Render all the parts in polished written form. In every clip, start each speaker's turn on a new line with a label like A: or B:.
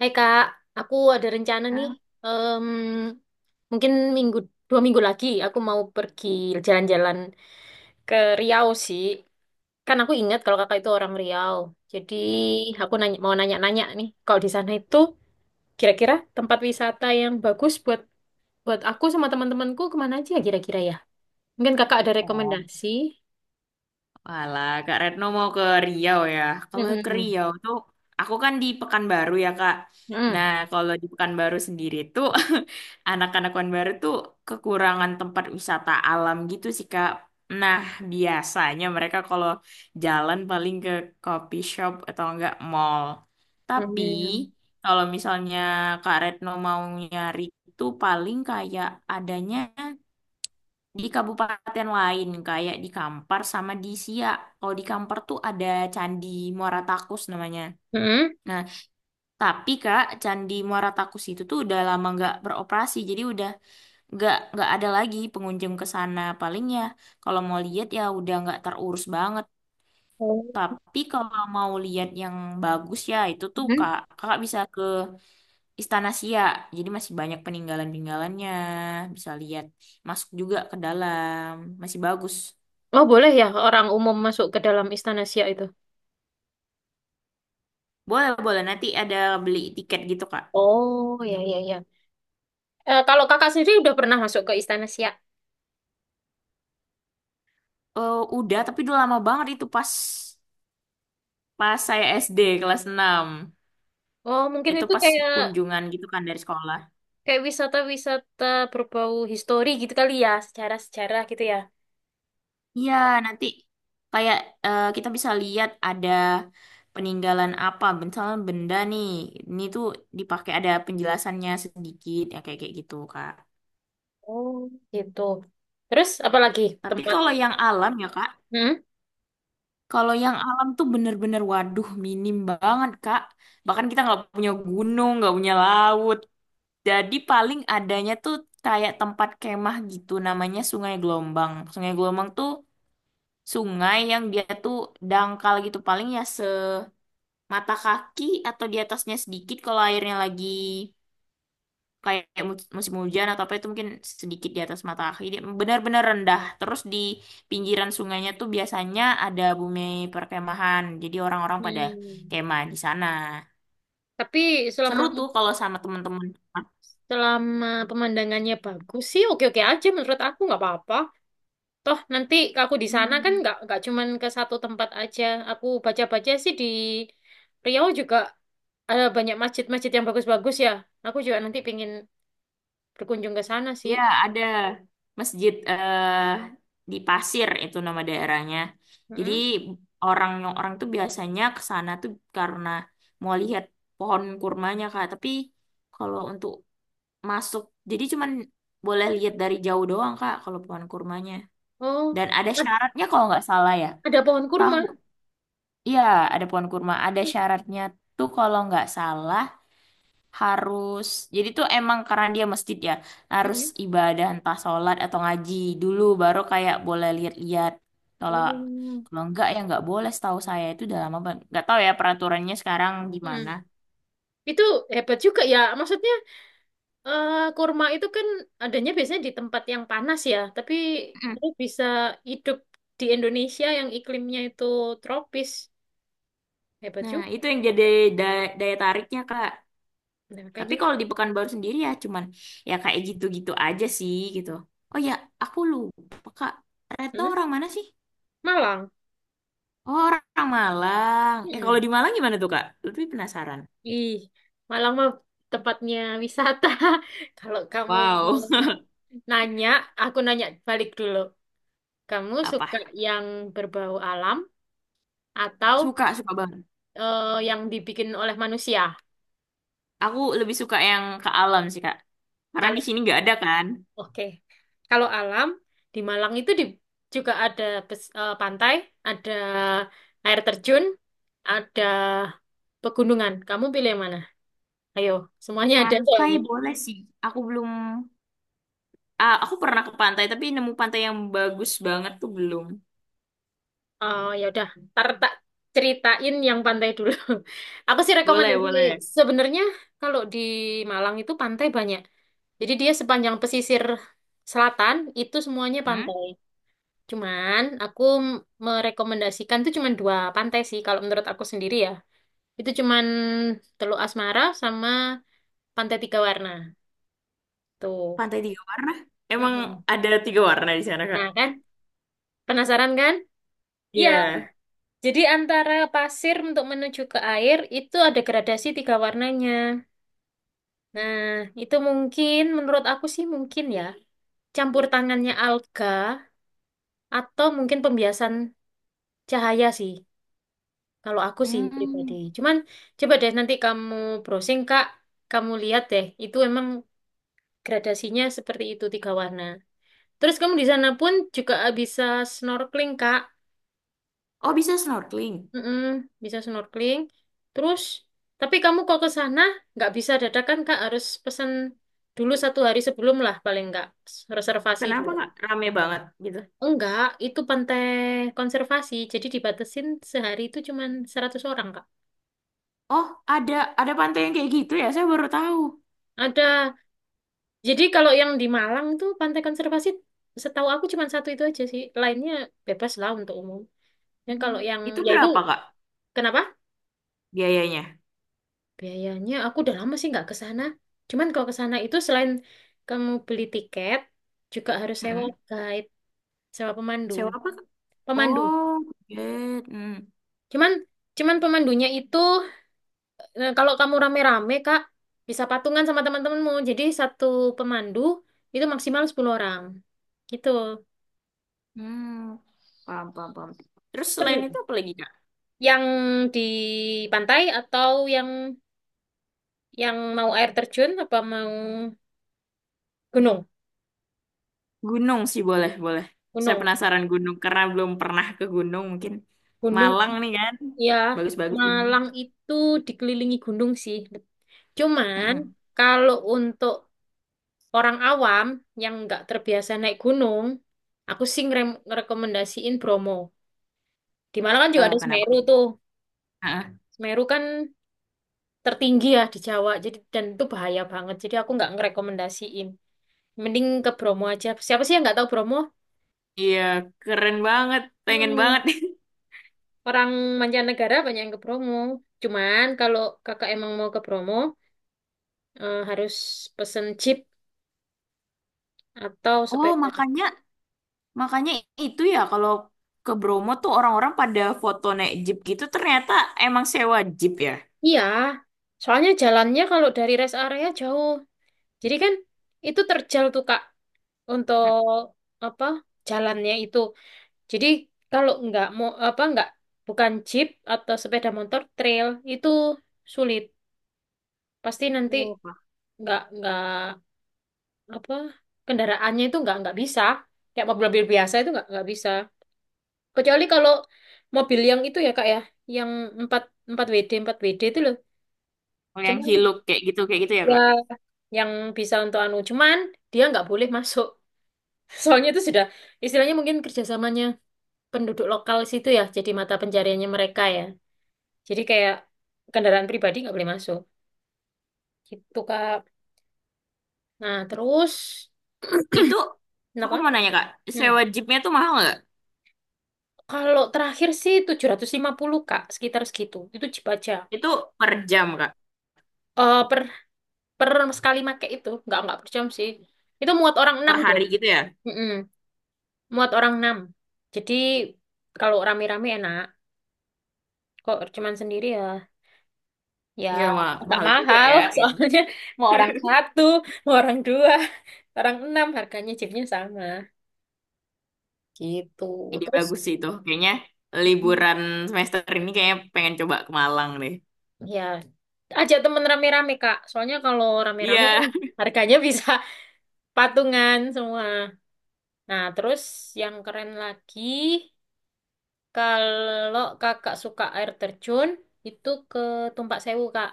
A: Hai Kak, aku ada rencana nih. Em, mungkin minggu 2 minggu lagi aku mau pergi jalan-jalan ke Riau sih. Kan aku ingat kalau kakak itu orang Riau. Jadi aku nanya, mau nanya-nanya nih, kalau di sana itu kira-kira tempat wisata yang bagus buat buat aku sama teman-temanku kemana aja kira-kira ya? Mungkin kakak ada
B: Serpong.
A: rekomendasi?
B: Walah, Kak Retno mau ke Riau ya. Kalau ke
A: Mm-mm.
B: Riau tuh, aku kan di Pekanbaru ya, Kak.
A: Mm-mm.
B: Nah, kalau di Pekanbaru sendiri tuh, anak-anak Pekanbaru tuh kekurangan tempat wisata alam gitu sih, Kak. Nah, biasanya mereka kalau jalan paling ke coffee shop atau enggak mall. Tapi,
A: Mm-mm.
B: kalau misalnya Kak Retno mau nyari itu paling kayak adanya di kabupaten lain kayak di Kampar sama di Siak. Kalau di Kampar tuh ada Candi Muara Takus namanya.
A: Mm-mm.
B: Nah, tapi Kak, Candi Muara Takus itu tuh udah lama nggak beroperasi, jadi udah nggak ada lagi pengunjung ke sana. Paling ya kalau mau lihat ya udah nggak terurus banget.
A: Oh.
B: Tapi kalau mau lihat yang bagus ya itu tuh
A: Mm-mm.
B: Kak, Kakak bisa ke Istana Siak. Jadi masih banyak peninggalan-peninggalannya, bisa lihat masuk juga ke dalam, masih bagus.
A: Oh boleh ya orang umum masuk ke dalam Istana Siak itu.
B: Boleh, boleh. Nanti ada beli tiket gitu, Kak.
A: Oh, ya, ya, ya. Eh, kalau kakak sendiri udah pernah masuk ke Istana Siak?
B: Eh udah, tapi udah lama banget itu pas pas saya SD kelas enam.
A: Oh, mungkin
B: Itu
A: itu
B: pas
A: kayak
B: kunjungan gitu kan dari sekolah.
A: kayak wisata-wisata berbau histori gitu kali ya, sejarah-sejarah gitu ya.
B: Iya, nanti kayak kita bisa lihat ada peninggalan apa. Misalnya benda nih, ini tuh dipakai ada penjelasannya sedikit, ya kayak kayak gitu, Kak.
A: Oh, gitu. Terus apa lagi
B: Tapi
A: tempat?
B: kalau yang alam ya, Kak,
A: Hmm?
B: kalau yang alam tuh bener-bener waduh minim banget, Kak. Bahkan kita nggak punya gunung, nggak punya laut. Jadi paling adanya tuh kayak tempat kemah gitu namanya Sungai Gelombang. Sungai Gelombang tuh sungai yang dia tuh dangkal gitu paling ya semata kaki atau di atasnya sedikit kalau airnya lagi kayak musim hujan atau apa itu mungkin sedikit di atas mata kaki. Dia benar-benar rendah. Terus di pinggiran sungainya tuh biasanya ada bumi perkemahan. Jadi orang-orang pada
A: Hmm.
B: kemah di sana.
A: Tapi selama
B: Seru tuh kalau sama teman-teman.
A: selama pemandangannya bagus sih, oke-oke aja menurut aku nggak apa-apa. Toh nanti aku di sana kan
B: Hmm.
A: nggak cuman ke satu tempat aja. Aku baca-baca sih di Riau juga ada banyak masjid-masjid yang bagus-bagus ya. Aku juga nanti pengen berkunjung ke sana sih.
B: Iya, ada masjid di Pasir itu nama daerahnya. Jadi
A: Mm-mm.
B: orang orang tuh biasanya ke sana tuh karena mau lihat pohon kurmanya Kak. Tapi kalau untuk masuk, jadi cuman boleh lihat dari jauh doang Kak kalau pohon kurmanya.
A: Oh,
B: Dan ada
A: ad-
B: syaratnya kalau nggak salah ya.
A: ada pohon kurma.
B: Tahu. Iya, ada pohon kurma. Ada syaratnya tuh kalau nggak salah harus, jadi tuh emang karena dia masjid ya harus
A: Mm-mm.
B: ibadah entah sholat atau ngaji dulu baru kayak boleh lihat-lihat, kalau
A: Oh.
B: kalau enggak ya enggak boleh. Setahu saya itu udah lama banget, enggak tahu ya peraturannya sekarang gimana.
A: Mm. Itu hebat juga ya. Maksudnya kurma itu kan adanya biasanya di tempat yang panas ya, tapi
B: Mm.
A: dia bisa hidup di Indonesia yang iklimnya itu tropis. Hebat
B: Nah,
A: juga.
B: itu yang jadi daya tariknya Kak,
A: Nah,
B: tapi
A: makanya.
B: kalau di Pekanbaru sendiri ya cuman ya kayak gitu-gitu aja sih gitu. Oh ya, aku lupa, Kak Retno
A: Hmm.
B: orang mana sih?
A: Malang.
B: Oh, orang Malang. Eh, kalau
A: mm
B: di Malang gimana tuh, Kak? Lebih penasaran.
A: Ih, Malang mah tempatnya wisata. Kalau kamu
B: Wow.
A: nanya, aku nanya balik dulu. Kamu
B: Apa?
A: suka yang berbau alam atau
B: Suka, suka banget.
A: yang dibikin oleh manusia?
B: Aku lebih suka yang ke alam sih, Kak. Karena di
A: Kalau
B: sini nggak ada kan.
A: oke, kalau alam di Malang itu juga ada pantai, ada air terjun, ada pegunungan. Kamu pilih yang mana? Ayo, semuanya ada
B: Pantai
A: soalnya.
B: boleh sih. Aku belum. Ah, aku pernah ke pantai, tapi nemu pantai yang bagus banget tuh belum.
A: Oh, ya udah, ntar tak ceritain yang pantai dulu. Aku sih
B: Boleh,
A: rekomendasi
B: boleh.
A: sebenarnya kalau di Malang itu pantai banyak. Jadi dia sepanjang pesisir selatan itu semuanya
B: Hmm?
A: pantai. Cuman aku merekomendasikan tuh cuman dua pantai sih kalau menurut aku sendiri ya. Itu cuman Teluk Asmara sama Pantai Tiga Warna. Tuh.
B: Pantai tiga warna? Emang
A: Mm-mm.
B: ada tiga warna di sana, Kak?
A: Nah kan, penasaran kan? Iya,
B: Iya.
A: jadi antara pasir untuk menuju ke air itu ada gradasi tiga warnanya. Nah, itu mungkin menurut aku sih mungkin ya campur tangannya alga atau mungkin pembiasan cahaya sih. Kalau aku sih pribadi.
B: Hmm.
A: Cuman coba deh nanti kamu browsing Kak, kamu lihat deh itu emang gradasinya seperti itu tiga warna. Terus kamu di sana pun juga bisa snorkeling Kak.
B: Oh, bisa snorkeling.
A: Mm-mm, bisa snorkeling. Terus tapi kamu kok ke sana nggak bisa dadakan Kak, harus pesan dulu satu hari sebelum lah paling nggak reservasi
B: Kenapa,
A: dulu.
B: Kak? Rame banget gitu.
A: Enggak, itu pantai konservasi. Jadi dibatasin sehari itu cuma 100 orang, Kak.
B: Oh, ada pantai yang kayak gitu ya? Saya baru tahu.
A: Ada. Jadi kalau yang di Malang tuh pantai konservasi setahu aku cuma satu itu aja sih. Lainnya bebas lah untuk umum. Dan
B: Hmm.
A: kalau yang
B: Itu
A: ya itu
B: berapa, Kak,
A: kenapa?
B: biayanya?
A: Biayanya aku udah lama sih nggak ke sana. Cuman kalau ke sana itu selain kamu beli tiket, juga harus sewa
B: Hmm.
A: guide, sewa pemandu.
B: Sewa apa?
A: Pemandu.
B: Oh, Tibet. Hmm.
A: Cuman cuman pemandunya itu. Nah, kalau kamu rame-rame, Kak, bisa patungan sama teman-temanmu. Jadi satu pemandu itu maksimal 10 orang. Gitu.
B: Hmm. Paham, paham, paham. Terus selain
A: Seru.
B: itu apa lagi, Kak?
A: Yang di pantai atau yang mau air terjun apa mau gunung?
B: Gunung sih boleh, boleh. Saya
A: Gunung.
B: penasaran gunung karena belum pernah ke gunung. Mungkin
A: Gunung.
B: Malang nih kan.
A: Ya,
B: Bagus-bagus ini.
A: Malang itu dikelilingi gunung sih. Cuman
B: Heeh.
A: kalau untuk orang awam yang nggak terbiasa naik gunung, aku sih ngerekomendasiin Bromo. Di Malang kan juga
B: Eh,
A: ada
B: kenapa?
A: Semeru tuh.
B: Heeh.
A: Meru kan tertinggi ya di Jawa, jadi dan itu bahaya banget. Jadi aku nggak ngerekomendasiin. Mending ke Bromo aja. Siapa sih yang nggak tahu Bromo?
B: Iya, keren banget. Pengen
A: Mm-mm.
B: banget.
A: Orang mancanegara banyak yang ke Bromo. Cuman kalau kakak emang mau ke Bromo, harus pesen jeep atau
B: Oh,
A: sepeda.
B: makanya, makanya itu ya kalau ke Bromo tuh orang-orang pada foto naik jeep gitu, ternyata emang sewa jeep ya.
A: Iya, soalnya jalannya kalau dari rest area jauh. Jadi kan itu terjal tuh Kak
B: Heeh.
A: untuk apa jalannya itu. Jadi kalau nggak mau apa nggak bukan jeep atau sepeda motor trail itu sulit. Pasti nanti
B: Oh, Pak.
A: nggak apa kendaraannya itu nggak bisa. Kayak mobil-mobil biasa itu nggak bisa. Kecuali kalau mobil yang itu ya Kak ya, yang 4 4 WD itu loh.
B: Kalau yang
A: Cuman
B: hiluk kayak gitu ya,
A: ya
B: Kak?
A: yang bisa untuk anu cuman dia nggak boleh masuk. Soalnya itu sudah istilahnya mungkin kerjasamanya penduduk lokal situ ya, jadi mata pencariannya mereka ya. Jadi kayak kendaraan pribadi nggak boleh masuk. Gitu, Kak. Nah, terus
B: Itu aku
A: kenapa?
B: mau nanya Kak,
A: Hmm.
B: sewa jeepnya tuh mahal nggak?
A: Kalau terakhir sih 750 Kak, sekitar segitu. Itu Jeep aja.
B: Itu per jam Kak,
A: Eh, per per sekali make itu nggak per jam sih. Itu muat orang
B: per
A: 6 deh.
B: hari gitu ya?
A: Mm-mm. Muat orang 6. Jadi kalau rame-rame enak. Kok cuman sendiri ya? Ya
B: Iya
A: agak
B: mahal juga
A: mahal
B: ya gitu.
A: soalnya mau orang satu, mau orang dua, orang enam harganya Jeepnya sama. Gitu.
B: Ide
A: Terus.
B: bagus sih itu. Kayaknya liburan semester ini kayaknya pengen coba ke Malang deh.
A: Ya, ajak temen rame-rame, Kak. Soalnya kalau rame-rame kan
B: Iya.
A: harganya bisa patungan semua. Nah, terus yang keren lagi, kalau kakak suka air terjun, itu ke Tumpak Sewu, Kak.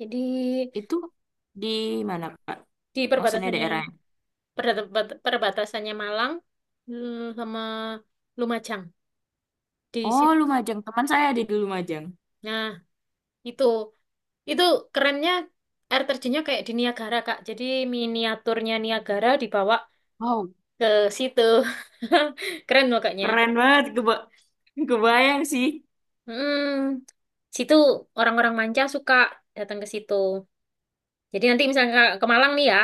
A: Jadi
B: Itu di mana Kak?
A: di
B: Maksudnya
A: perbatasannya,
B: daerahnya?
A: perbatasannya Malang sama Lumajang. Di
B: Oh,
A: situ.
B: Lumajang. Teman saya ada di Lumajang.
A: Nah, itu. Itu kerennya air terjunnya kayak di Niagara, Kak. Jadi miniaturnya Niagara dibawa
B: Wow,
A: ke situ. Keren makanya.
B: keren banget. Kebayang sih.
A: Hmm, situ orang-orang manca suka datang ke situ. Jadi nanti misalnya ke Malang nih ya,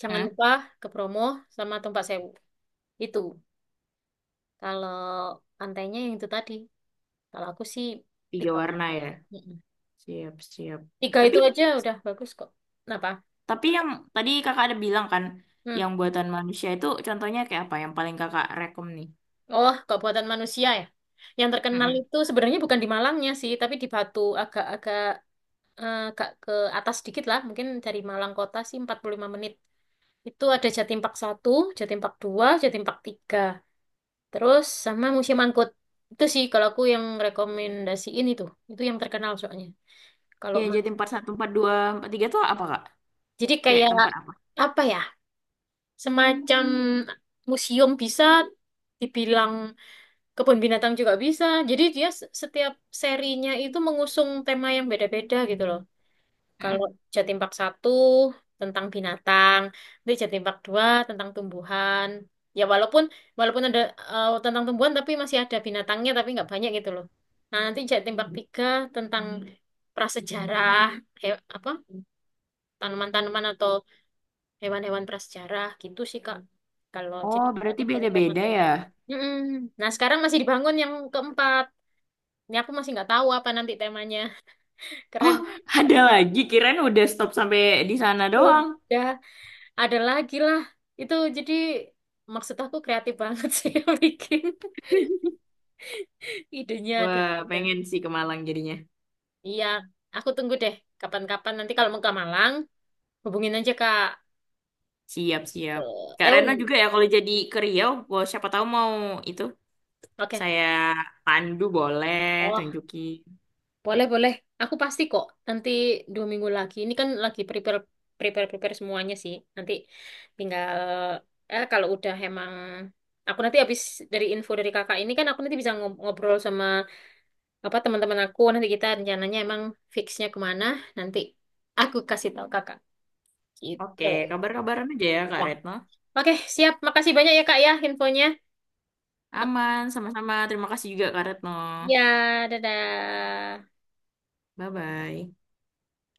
A: jangan
B: Hah?
A: lupa ke Bromo sama Tumpak Sewu. Itu kalau pantainya yang itu tadi. Kalau aku sih
B: Tiga
A: tiga
B: warna
A: pantai.
B: ya.
A: Mm-mm.
B: Siap, siap.
A: Tiga
B: Tapi
A: itu aja udah bagus kok. Kenapa?
B: Tapi yang tadi kakak ada bilang kan,
A: Hmm.
B: yang buatan manusia itu contohnya kayak apa yang paling kakak rekom nih?
A: Oh, kok buatan manusia ya. Yang terkenal
B: Mm-mm.
A: itu sebenarnya bukan di Malangnya sih, tapi di Batu agak-agak agak ke atas sedikit lah, mungkin dari Malang kota sih 45 menit. Itu ada Jatim Park 1, Jatim Park 2, Jatim Park 3. Terus sama Museum Angkut. Itu sih kalau aku yang rekomendasiin itu. Itu yang terkenal soalnya. Kalau
B: Yang
A: ma-
B: jadi empat satu, empat dua, 42, tiga tuh apa kak?
A: jadi
B: Kayak
A: kayak
B: tempat apa?
A: apa ya? Semacam museum bisa dibilang kebun binatang juga bisa. Jadi dia setiap serinya itu mengusung tema yang beda-beda gitu loh. Kalau
B: Mm-mm.
A: Jatim Park 1 tentang binatang, nanti Jatim Park 2 tentang tumbuhan. Ya walaupun walaupun ada tentang tumbuhan tapi masih ada binatangnya tapi nggak banyak gitu loh. Nah, nanti Jatim Park 3 tentang prasejarah, apa? Tanaman-tanaman atau hewan-hewan prasejarah gitu sih Kak. Kalau jadi
B: Oh,
A: itu
B: berarti
A: tema
B: beda-beda
A: tuh.
B: ya?
A: Mm-mm. Nah, sekarang masih dibangun yang keempat. Ini aku masih nggak tahu apa nanti temanya. Keren.
B: Oh, ada lagi. Kirain udah stop sampai di sana doang.
A: Sudah. Ada lagi lah. Itu jadi maksud aku kreatif banget sih yang bikin. Idenya ada,
B: Wah,
A: ada.
B: pengen sih ke Malang jadinya.
A: Iya, aku tunggu deh. Kapan-kapan nanti kalau mau ke Malang, hubungin aja Kak
B: Siap-siap. Kak Reno
A: Euni.
B: juga ya kalau jadi ke Riau, wah, siapa tahu mau itu
A: Oke.
B: saya pandu, boleh
A: Oh,
B: tunjukin.
A: boleh boleh. Aku pasti kok. Nanti 2 minggu lagi. Ini kan lagi prepare prepare prepare semuanya sih. Nanti tinggal kalau udah emang aku nanti habis dari info dari kakak, ini kan aku nanti bisa ngobrol sama apa teman-teman aku, nanti kita rencananya emang fixnya kemana, nanti aku kasih tahu kakak
B: Oke,
A: gitu
B: kabar-kabaran aja ya Kak
A: ya.
B: Retno.
A: Oke siap, makasih banyak ya kak ya infonya. Ak-
B: Aman, sama-sama. Terima kasih juga Kak Retno.
A: Ya, dadah.
B: Bye-bye.